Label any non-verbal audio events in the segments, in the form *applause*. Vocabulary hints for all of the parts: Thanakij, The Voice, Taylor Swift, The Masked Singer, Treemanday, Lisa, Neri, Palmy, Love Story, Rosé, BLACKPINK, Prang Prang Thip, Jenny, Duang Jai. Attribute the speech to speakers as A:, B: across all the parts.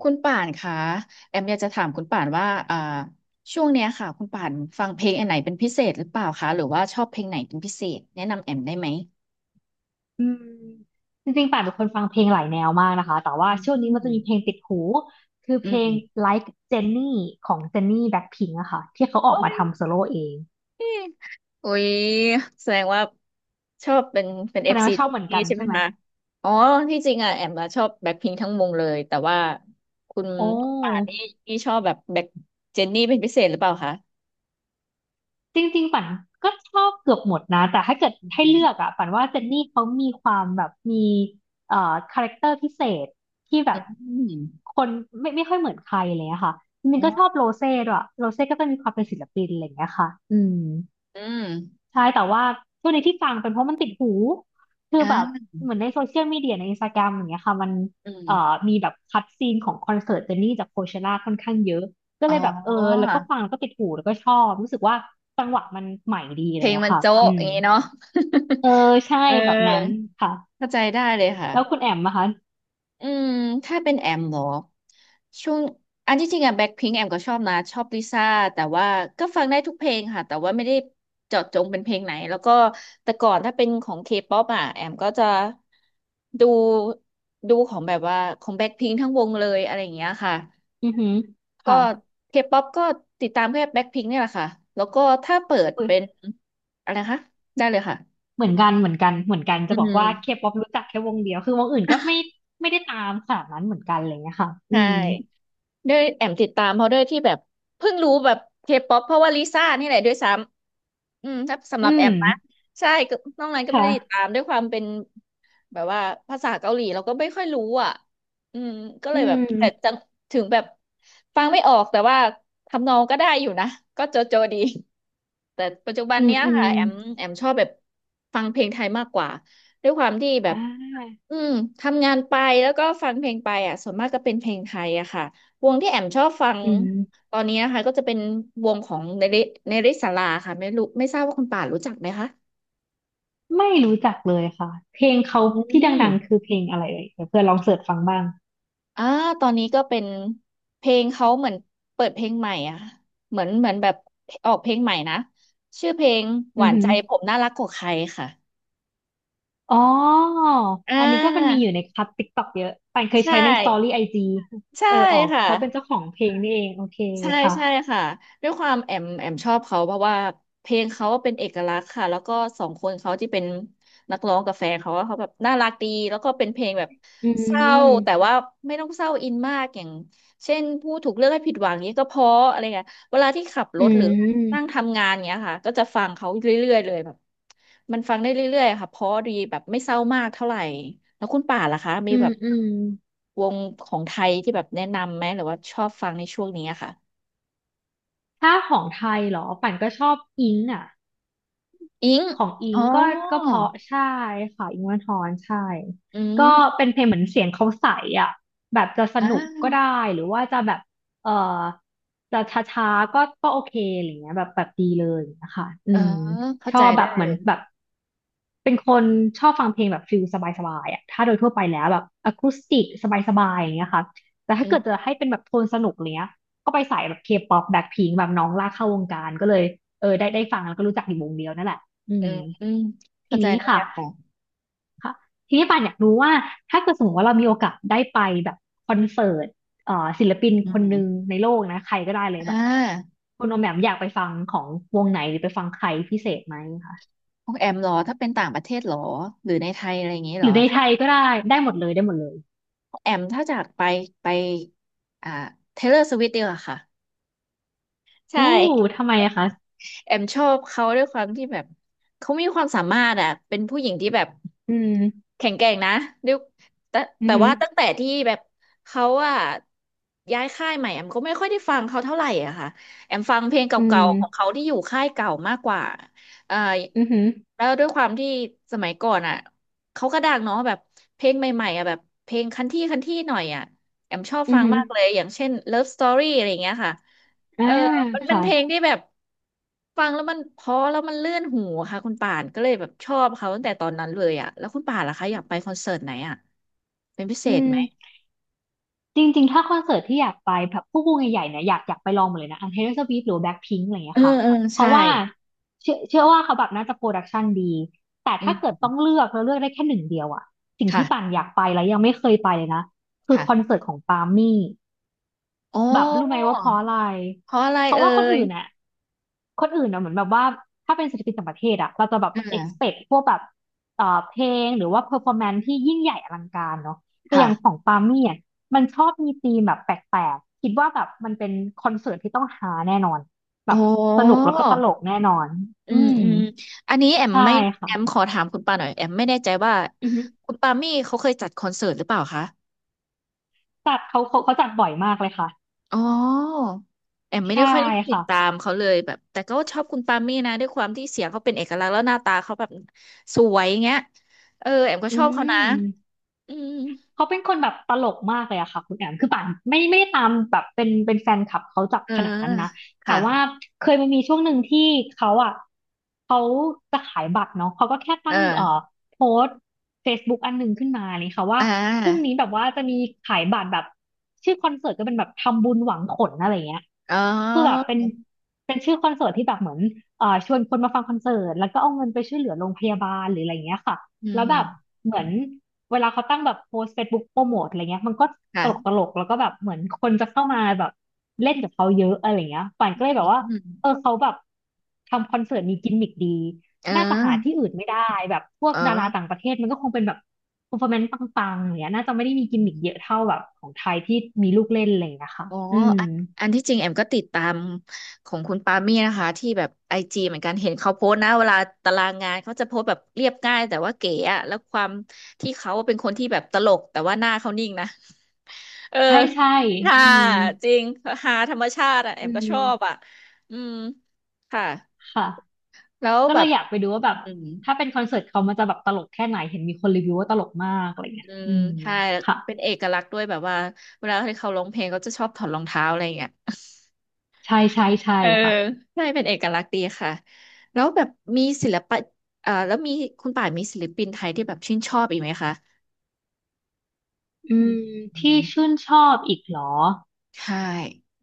A: คุณป่านคะแอมอยากจะถามคุณป่านว่าช่วงเนี้ยค่ะคุณป่านฟังเพลงอันไหนเป็นพิเศษหรือเปล่าคะหรือว่าชอบเพลงไหนเป็นพิเศษแนะนำแอมได้ไหม
B: อืมจริงๆป่านเป็นคนฟังเพลงหลายแนวมากนะคะแต่ว่า
A: อ
B: ช่วงนี้
A: ื
B: มันจะ
A: ม
B: มีเพลงติดหูคือ
A: อื
B: เพลง
A: ม
B: Like Jenny ของ Jenny Blackpink อะค่ะที่เขาออ
A: โอ้
B: กมา
A: ย
B: ทำโซโล่เอง
A: อุ๊ยแสดงว่าชอบเป็นเอ
B: แสด
A: ฟ
B: ง
A: ซี
B: ว่าชอบเหมือน
A: นี่
B: กัน
A: ใช่ไหม
B: ใช่ไหม
A: คะอ๋อที่จริงอ่ะแอมอะชอบแบ็คพิงทั้งวงเลยแต่ว่าคุณ
B: โอ
A: คุณป่านนี่
B: ้
A: นี่ชอบแบบแบ็คเจนนี่เป็นพิเศษหรือเปล่าคะ
B: จริงๆป่านก็ชอบเกือบหมดนะแต่ถ้าเกิด
A: อื
B: ให้
A: ม
B: เลือกอะป่านว่าเจนนี่เขามีความแบบมีคาแรคเตอร์พิเศษที่แบ
A: อื
B: บ
A: ม
B: คนไม่ค่อยเหมือนใครเลยอะค่ะจริ
A: อ
B: งๆก็ชอบ
A: อ
B: โรเซ่ด้วยโรเซ่ก็จะมีความเป็นศิลปินอะไรอย่างเงี้ยค่ะอืม
A: อืม
B: ใช่แต่ว่าตัวนี้ที่ฟังเป็นเพราะมันติดหูคือ
A: อ่
B: แบบ
A: า
B: เหมือนในโซเชียลมีเดียในอินสตาแกรมอย่างเงี้ยค่ะมัน
A: อื
B: เอ่อ
A: ม
B: มีแบบคัดซีนของคอนเสิร์ตเจนนี่จากโคเชล่าค่อนข้างเยอะก็
A: อ๋
B: เล
A: อ
B: ยแบบเออแล้วก็ฟังแล้วก็ติดหูแล้วก็ชอบรู้สึกว่าจังหวะมันใหม่ดีอะ
A: เพ
B: ไร
A: ลง
B: เงี้
A: มั
B: ย
A: น
B: ค่ะ
A: โจ๊ะ
B: อื
A: อ
B: ม
A: ย่างงี้เนาะ
B: เออใช่
A: *laughs* เ
B: แบบนั้น
A: ออ
B: ค่ะ
A: เข้าใจได้เลยค่ะ
B: แล้วคุณแอมนะคะ
A: อืมถ้าเป็นแอมเหรอช่วงอันที่จริงอะแบ็คพิงค์แอมก็ชอบนะชอบลิซ่าแต่ว่าก็ฟังได้ทุกเพลงค่ะแต่ว่าไม่ได้เจาะจงเป็นเพลงไหนแล้วก็แต่ก่อนถ้าเป็นของเคป๊อปอะแอมก็จะดูดูของแบบว่าของแบ็คพิงค์ทั้งวงเลยอะไรอย่างเงี้ยค่ะ
B: อือหือ
A: ก็
B: ค่ะ
A: เคป๊อปก็ติดตามแค่แบ็คพิงค์เนี่ยแหละค่ะ แล้วก็ถ้าเปิด
B: อุ๊ย
A: เป็นอะไรนะคะได้เลยค่ะ
B: เหมือนกันเหมือนกันเหมือนกัน
A: อื
B: จะบอ
A: ม
B: กว่าเคป๊อปรู้จักแค่วงเดียวคือวงอื่นก็ไม่
A: *laughs*
B: ไม่ได้ตามขนาดนั้นเหมือนกันอะไรเลย้ะค่ะอื
A: ใช่
B: ม
A: ด้วยแอมติดตามเขาด้วยที่แบบเพิ่งรู้แบบเคป๊อปเพราะว่าลิซ่านี่แหละด้วยซ้ำอืมถ้าสำห
B: อื
A: รับแอ
B: ม
A: มนะใช่ก็นอกนั้นก็ไม่
B: ค่ะ
A: ได้ติดตามด้วยความเป็นแบบว่าภาษาเกาหลีเราก็ไม่ค่อยรู้อ่ะอืมก็เล
B: อื
A: ยแบบ
B: ม
A: แต่จังถึงแบบฟังไม่ออกแต่ว่าทำนองก็ได้อยู่นะก็โจโจดีแต่ปัจจุบัน
B: อืม
A: เนี้ย
B: อืม
A: ค่ะแอมชอบแบบฟังเพลงไทยมากกว่าด้วยความที่แบ
B: อ่
A: บ
B: า
A: อืมทำงานไปแล้วก็ฟังเพลงไปอ่ะส่วนมากก็เป็นเพลงไทยอะค่ะ วงที่แอมชอบฟัง
B: อืม
A: ตอนนี้นะคะก็จะเป็นวงของเนริเนริศาลาค่ะไม่รู้ไม่ทราบว่าคุณป่านรู้จักไหมคะ
B: ไม่รู้จักเลยค่ะ เพลงเขา
A: อื
B: ที่
A: ม
B: ดังๆคือเพลงอะไรเอ่ยเดี๋ยวเพื่อนลองเสิร์ชฟังบ้าง
A: อ่าตอนนี้ก็เป็นเพลงเขาเหมือนเปิดเพลงใหม่อ่ะเหมือนแบบออกเพลงใหม่นะชื่อเพลงห
B: อื
A: วา
B: อ
A: น
B: หื
A: ใจ
B: อ
A: ผมน่ารักกว่าใครค่ะ
B: อ๋อ
A: อ่
B: อันนี้ก็มันมี
A: า
B: อยู่ในคัทติ๊กต็อกเยอะปานเคย
A: ใช่
B: ใช้ในสตอรี่ไอจี
A: ใช่
B: เออออก
A: ค่ะ
B: เขาเป็นเจ้าของเพลงนี่เอง โอเค
A: ใช่
B: ค่ะ
A: ใช่ค่ะด้วยความแอมชอบเขาเพราะว่าเพลงเขาเป็นเอกลักษณ์ค่ะแล้วก็สองคนเขาที่เป็นนักร้องกับแฟนเขาว่าเขาแบบน่ารักดีแล้วก็เป็นเพลงแบบ
B: อื
A: เศร้าแต่
B: ม
A: ว่าไม่ต้องเศร้าอินมากอย่างเช่นผู้ถูกเลือกให้ผิดหวังเนี้ยก็เพราะอะไรเงี้ยเวลาที่ขับร
B: อื
A: ถหรือนั่ง
B: ม
A: ทำงานเนี้ยค่ะก็จะฟังเขาเรื่อยๆเลยแบบมันฟังได้เรื่อยๆค่ะเพราะดีแบบไม่เศร้ามากเท่าไหร่แล้วคุณป่านล่ะคะมี
B: อื
A: แบ
B: ม
A: บวงของไทยที่แบบแนะนำไหมหรือว่าชอบฟังในช่วงนี้อะค่ะ
B: ถ้าของไทยเหรอป่านก็ชอบอิงอ่ะ
A: อิง
B: ของอิ
A: อ๋อ
B: งก็ก็เพราะใช่ค่ะอิงค์วันทอนใช่
A: อื
B: ก็
A: ม
B: เป็นเพลงเหมือนเสียงเขาใสอ่ะแบบจะสนุกก็
A: อ่า
B: ได้หรือว่าจะแบบเออจะช้าๆก็ก็โอเคอะไรเงี้ยแบบแบบดีเลยนะคะอื
A: เออ
B: ม
A: เข้า
B: ชอ
A: ใจ
B: บแบ
A: ได้
B: บเหมื
A: เล
B: อน
A: ย
B: แบบเป็นคนชอบฟังเพลงแบบฟิลสบายๆอ่ะถ้าโดยทั่วไปแล้วแบบอะคูสติกสบายๆอย่างเงี้ยค่ะแต่
A: อื
B: ถ้าเกิดจะ
A: ม
B: ให้เป็นแบบโทนสนุกอะไรเนี้ยก็ไปใส่แบบเคป๊อปแบ็คพิงแบบน้องลากเข้าวงการก็เลยเออได้ได้ฟังแล้วก็รู้จักอยู่วงเดียวนั่นแหละ อื
A: อื
B: ม
A: มอืม
B: ที
A: เข้าใจ
B: นี้
A: ได้แล้
B: ค่ะ
A: วค่ะ
B: ค่ะทีนี้ปานอยากรู้ว่าถ้าเกิดสมมติว่าเรามีโอกาสได้ไปแบบคอนเสิร์ตศิลปิน
A: อื
B: คน
A: ม
B: หนึ่งในโลกนะใครก็ได้เลย
A: อ่
B: แบบ
A: า
B: คุณโอมแหม่มอยากไปฟังของวงไหนหรือไปฟังใครพิเศษไหมคะ
A: ของแอมเหรอ ถ้าเป็นต่างประเทศเหรอ หรือในไทยอะไรอย่างงี้เห
B: ห
A: ร
B: รื
A: อ
B: อใน
A: ถ้า
B: ไทยก็ได้ได้หมดเลยได้หมดเลย
A: ของแอมถ้าจากไปอ่าเทเลอร์สวิฟต์ดีกว่าค่ะ ใช่
B: อู้ทำไมอะคะ
A: แอมชอบเขาด้วยความที่แบบเขามีความสามารถอ่ะเป็นผู้หญิงที่แบบ
B: อืม
A: แข็งแกร่งนะด้วยแต่
B: อือ
A: แต่
B: หือ
A: ว่าตั้งแต่ที่แบบเขาอ่ะย้ายค่ายใหม่แอมก็ไม่ค่อยได้ฟังเขาเท่าไหร่อะค่ะแอมฟังเพลงเก
B: อื
A: ่าๆของ
B: ม
A: เขาที่อยู่ค่ายเก่ามากกว่าเอ่อ
B: อือหือ
A: แล้วด้วยความที่สมัยก่อนอ่ะเขาก็ดังเนาะแบบเพลงใหม่ๆอ่ะแบบเพลงคันที่คันที่หน่อยอ่ะแอมชอบ
B: อื
A: ฟั
B: อ
A: ง
B: หือ
A: มากเลยอย่างเช่น Love Story อะไรอย่างเงี้ยค่ะ
B: อ่า
A: เออ มันเป็น
B: ค่ะ
A: เพลงที่แบบฟังแล้วมันเพราะแล้วมันเลื่อนหูค่ะคุณป่านก็เลยแบบชอบเขาตั้งแต่ตอนนั้นเลยอ่ะแล้วคุณป่านล่ะคะอยากไปคอนเสิร์ตไหนอ่ะเป็นพิเศ
B: อื
A: ษไหม
B: ม จริงๆ ถ้าคอนเสิร์ตที่อยากไปแบบพวกวงใหญ่ๆเนี่ยอยากไปลองหมดเลยนะอันเท o อร์สว f t หรือแบ็คพิงอะไรอย่าง
A: เอ
B: เงี้
A: อ
B: ยค่ะ
A: เออ
B: เพ
A: ใช่
B: ราะว่าเชื่อว่าเขาแบบน่าจะโปรดักชันดีแต่
A: อื
B: ถ้า
A: ม
B: เกิดต้องเลือกแล้วเลือกได้แค่หนึ่งเดียวอะสิ่งที่ป่าน
A: ค่ะ
B: อยากไปแล้วยังไม่เคยไปเลยนะคือคอน
A: ค่ะ
B: เสิร์ตของปามี่
A: อ๋อ
B: แบบรู้ไหมว่าเพราะอะไร
A: เพราะอะไร
B: เพราะ
A: เอ่
B: ว่า
A: ย
B: คนอื่นอะเหมือนแบบว่าถ้าเป็นศิลปินต่างประเทศอะเราจะแบบ
A: อ่า
B: expect พวกแบบเพลงหรือว่า performance ที่ยิ่งใหญ่อลังการเนาะแต่อย่างของ
A: ค่ะ
B: ปามี่อะมันชอบมีธีมแบบแปลกๆคิดว่าแบบมันเป็นคอนเสิร์ตที่ต้องฮาแน่นอนแบ
A: อ๋อ
B: บสนุกแล้วก็ตลกแน่นอน
A: อื
B: อื
A: ม
B: ม
A: อืมอันนี้
B: ใช่ค่ะ
A: แอมขอถามคุณป่าหน่อยแอมไม่แน่ใจว่า
B: อือฮึ
A: คุณปามี่เขาเคยจัดคอนเสิร์ตหรือเปล่าคะ
B: จัดเขาจัดบ่อยมากเลยค่ะ
A: อ๋อแอมไม่
B: ใช่
A: ได้ค่อยได้ติด
B: ค่ะ
A: ตามเขาเลยแบบแต่ก็ชอบคุณปามี่นะด้วยความที่เสียงเขาเป็นเอกลักษณ์แล้วหน้าตาเขาแบบสวยเงี้ยเออแอมก็
B: อื
A: ชอบเขานะ
B: ม
A: อืม
B: เขาเป็นคนแบบตลกมากเลยอะค่ะคุณแอมคือป่านไม่ได้ตามแบบเป็นแฟนคลับเขาจับ
A: เออ
B: ขนาดนั้นนะแต่ว่า
A: ค่ะ
B: เคยมันมีช่วงหนึ่งที่เขาอะเขาจะขายบัตรเนาะเขาก็แค่
A: เอ
B: ตั้
A: อ
B: งโพสต์ Facebook อันหนึ่งขึ้นมาเลยค่ะว่า
A: อ่
B: พรุ่ง
A: า
B: นี้แบบว่าจะมีขายบัตรแบบชื่อคอนเสิร์ตก็เป็นแบบทำบุญหวังผลอะไรเงี้ย
A: อ๋อ
B: คือแบบเป็นชื่อคอนเสิร์ตที่แบบเหมือนชวนคนมาฟังคอนเสิร์ตแล้วก็เอาเงินไปช่วยเหลือโรงพยาบาลหรืออะไรเงี้ยค่ะ
A: อื
B: แล้วแบบ
A: ม
B: เหมือน เวลาเขาตั้งแบบโพสเฟซบุ๊กโปรโมทอะไรเงี้ยมันก็ตลกต
A: ค่ะ
B: ลกแล้วก็แบบเหมือนคนจะเข้ามาแบบเล่นกับเขาเยอะอะไรเงี้ยป่านก็เลยแบบว่า
A: อืม
B: เออเขาแบบทำคอนเสิร์ตมีกิมมิคดี
A: เอ
B: น่าจะหาที่
A: อ
B: อื่นไม่ได้แบบพวก
A: เออ
B: ดาราต่างประเทศมันก็คงเป็นแบบเ e อร์ฟอร์แมนซ์ปังๆอย่างเงี้ยน่าจะไม่ได้มีกิมมิคเยอะเท่าแบบของไทยที่มีลูกเล่นอะไรอย่างเลยนะคะ
A: อ๋อ
B: อืม
A: อันอันที่จริงแอมก็ติดตามของคุณปามี่นะคะที่แบบไอจีเหมือนกันเห็นเขาโพสต์นะเวลาตารางงานเขาจะโพสต์แบบเรียบง่ายแต่ว่าเก๋อะแล้วความที่เขาเป็นคนที่แบบตลกแต่ว่าหน้าเขานิ่งนะ *laughs* เออ
B: ใช่ใช่
A: ฮา
B: อืม
A: จริงฮาธรรมชาติอะแอ
B: อื
A: มก็ชอบอะ
B: ม
A: อืมค่ะ
B: ค่ะ
A: แล้ว
B: ก็
A: แบ
B: เลย
A: บ
B: อยากไปดูว่าแบบ
A: อืม
B: ถ้าเป็นคอนเสิร์ตเขามันจะแบบตลกแค่ไหนเห็นมีคนรีวิวว่าตลกมากอะไรเงี้ย
A: อื
B: อื
A: ม
B: ม
A: ใช่
B: ค่ะ
A: เป็นเอกลักษณ์ด้วยแบบว่าเวลาที่เขาร้องเพลงเขาจะชอบถอดรองเท้าอะไรอย่างเงี้ย
B: ใช่ใช่ใช่
A: เออ
B: ค่ะ
A: ใช่เป็นเอกลักษณ์ดีค่ะแล้วแบบมีศิลปะแล้วมีคุณป่านมีศิลปินไทยที่แบบชื่นชอบอีกไหมคะ
B: อื
A: อืม
B: ม
A: อื
B: ที่
A: ม
B: ชื่นชอบอีกเหรอ
A: ใช่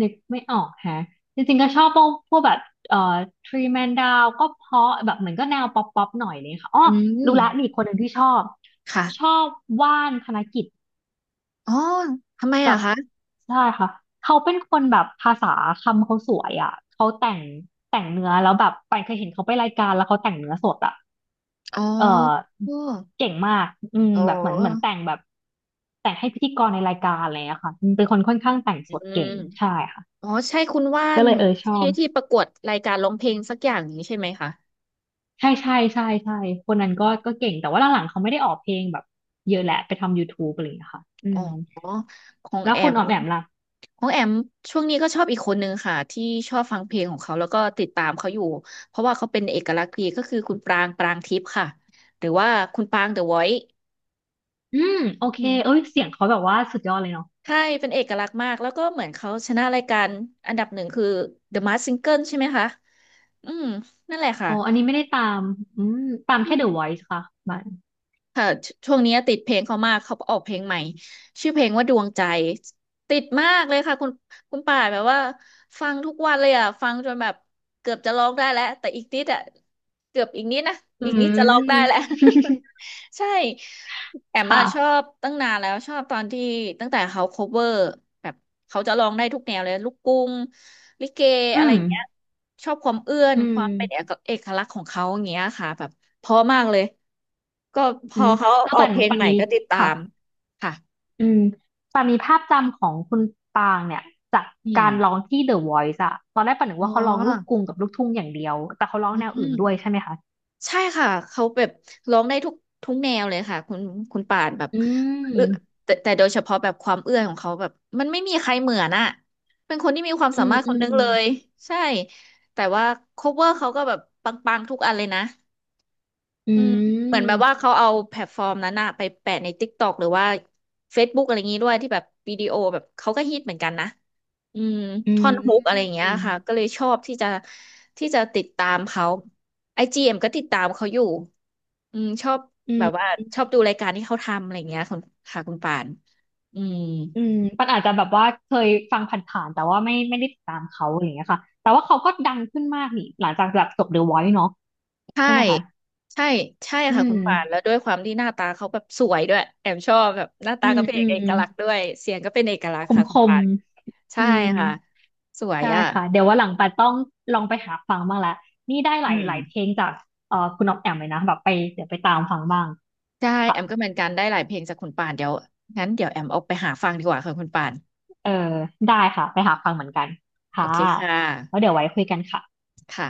B: นึกไม่ออกแฮะจริงๆก็ชอบพวกแบบเอ่อทรีแมนดาวก็เพราะแบบเหมือนก็แนวป๊อปป๊อปหน่อยเลยค่ะอ๋อ
A: อื
B: รู้
A: ม
B: ละมีอีกคนหนึ่งที่ชอบชอ
A: ค่ะ
B: บว่านธนกิจ
A: อ๋อทำไม
B: กั
A: อะ
B: บ
A: คะ
B: ใช่ค่ะเขาเป็นคนแบบภาษาคำเขาสวยอ่ะเขาแต่งแต่งเนื้อแล้วแบบไปานเคยเห็นเขาไปรายการแล้วเขาแต่งเนื้อสดอ่ะ
A: อ๋อ
B: เออ
A: ออ
B: เก่งมากอืม
A: อ๋อ
B: แบบเหมือนแต่งแบบแต่งให้พิธีกรในรายการอะไรอะค่ะอืมเป็นคนค่อนข้างแต่งสด
A: อื
B: เก่
A: ม
B: งใช่ค่ะ
A: อ๋อใช่คุณว่า
B: ก็
A: น
B: เลยเออชอ
A: ที่
B: บ
A: ที่ประกวดรายการร้องเพลงสักอย่างนี้ใช่ไหมคะ
B: ใช่ใช่ใช่ใช่คนนั้นก็เก่งแต่ว่าหลังๆเขาไม่ได้ออกเพลงแบบเยอะแหละไปทำ YouTube อะไรอย่างเงี้ยค่ะอื
A: อ๋อ
B: ม
A: ของ
B: แล้ว
A: แอ
B: คุณ
A: ม
B: ออมแอมล่ะ
A: ของแอมช่วงนี้ก็ชอบอีกคนนึงค่ะที่ชอบฟังเพลงของเขาแล้วก็ติดตามเขาอยู่เพราะว่าเขาเป็นเอกลักษณ์ดีก็คือคุณปรางปรางทิพย์ค่ะหรือว่าคุณปรางเดอะวอยซ์
B: อืมโอเค
A: อื
B: เอ้
A: ม
B: ยเสียงเขาแบบว่าสุดยอดเลยเนาะ
A: ใช่เป็นเอกลักษณ์มากแล้วก็เหมือนเขาชนะรายการอันดับหนึ่งคือ The Masked Singer ใช่ไหมคะอืมนั่นแหละค่ะ
B: อ๋ออันนี้ไม่ได้ตามอืมตาม
A: อื
B: แค่
A: ม
B: The Voice ค่ะบัน
A: ค่ะชช่วงนี้ติดเพลงเขามาก เขาออกเพลงใหม่ ชื่อเพลงว่าดวงใจ ติดมากเลยค่ะคุณคุณป่าแบบว่าฟังทุกวันเลยอ่ะ ฟังจนแบบเกือบจะร้องได้แล้วแต่อีกนิดอ่ะเกือบอีกนิดนะ
B: อื
A: อีกนิดจะร้อง
B: ม
A: ได้แล้ว
B: *laughs*
A: *laughs* ใช่ แอมอะ
B: ค่ะ
A: ชอบตั้งนานแล้วชอบตอนที่ตั้งแต่เขา cover แบบเขาจะร้องได้ทุกแนวเลยลูกกรุ้งลิเก
B: อื
A: อะไรอ
B: ม
A: ย่างเงี้ยชอบความเอื้อน
B: อื
A: ค
B: ม
A: วามเป็นเอกลักษณ์ของเขาอย่างเงี้ยค่ะแบบเพราะมากเลยก็พ
B: อื
A: อ
B: ม
A: เขา
B: เออ
A: ออก
B: ปัน
A: เพลง
B: ปัน
A: ใหม่
B: มี
A: ก็ติดตา
B: ค่ะ
A: มค่ะ
B: อืมปันมีภาพจำของคุณปางเนี่ย จาก
A: อื
B: การร้อง
A: ม
B: ที่ The Voice อะตอนแรกปันนึก
A: อ๋
B: ว่าเขาร้องลูก
A: อ
B: กรุงกับลูกทุ่งอย่างเดียว แต่เขาร้อง
A: อื
B: แนวอื่น
A: ม
B: ด้วยใช่ไหมคะ
A: ใช่ค่ะเขาแบบร้องได้ทุกแนวเลยค่ะคุณคุณป่านแบบ
B: อื
A: เออ
B: ม
A: แต่แต่โดยเฉพาะแบบความเอื้อนของเขาแบบมันไม่มีใครเหมือนอะเป็นคนที่มีความ
B: อื
A: สา
B: ม
A: มารถค
B: อื
A: นนึ
B: ม
A: งเลยใช่แต่ว่า cover เขาก็แบบปังๆทุกอันเลยนะ
B: อื
A: อืมเหมือนแบบ
B: ม
A: ว่าเขาเอาแพลตฟอร์มนั้นอะไปแปะใน TikTok หรือว่า Facebook อะไรอย่างงี้ด้วยที่แบบวิดีโอแบบเขาก็ฮิตเหมือนกันนะอืม
B: อื
A: ท่อน
B: ม
A: ฮุกอะไรอย่างเงี้ยค่ะก็เลยชอบที่จะที่จะติดตามเขาไอจีเอ็มก็ติดตามเขาอยู่ อืมชอบ
B: อื
A: แบบว่า
B: ม
A: ชอบดูรายการที่เขาทำอะไรอย่างเงี้ยคุณค่ะคุณป่านอืม
B: อืมปันอาจจะแบบว่าเคยฟังผ่านๆแต่ว่าไม่ได้ติดตามเขาอะไรอย่างเงี้ยค่ะแต่ว่าเขาก็ดังขึ้นมากนี่หลังจากแบบจบ The Voice เนาะ
A: ใช่
B: ใช่ไหมคะ
A: ใช่ใช่
B: อื
A: ค่ะคุ
B: ม
A: ณป่านแล้วด้วยความที่หน้าตาเขาแบบสวยด้วยแอมชอบแบบหน้า
B: อื
A: ตาก็
B: ม
A: เป็น
B: อื
A: เอ
B: ม
A: กลักษณ์ด้วยเสียงก็เป็นเอกลักษ
B: ค
A: ณ์
B: ม
A: ค่ะ
B: ค
A: คุณ
B: ม
A: ป่านใช่
B: อืม
A: ค่ะสวย
B: ใช่
A: อ่ะ
B: ค่ะเดี๋ยวว่าหลังปันต้องลองไปหาฟังบ้างละนี่ได้ห
A: อื
B: ลายห
A: ม
B: ลายเพลงจากคุณอ๊อฟแอมเลยนะแบบไปเดี๋ยวไปตามฟังบ้าง
A: ใช่แอ
B: ค่ะ
A: มก็เหมือนกันได้หลายเพลงจากคุณป่านเดี๋ยวงั้นเดี๋ยวแอมออกไปหาฟังดีกว่าค่ะคุณป่าน
B: เออได้ค่ะไปหาฟังเหมือนกัน
A: โอ
B: ค่ะ
A: เคค่
B: แล้วเดี๋
A: ะ
B: ยวไว้คุยกันค่ะ
A: ค่ะ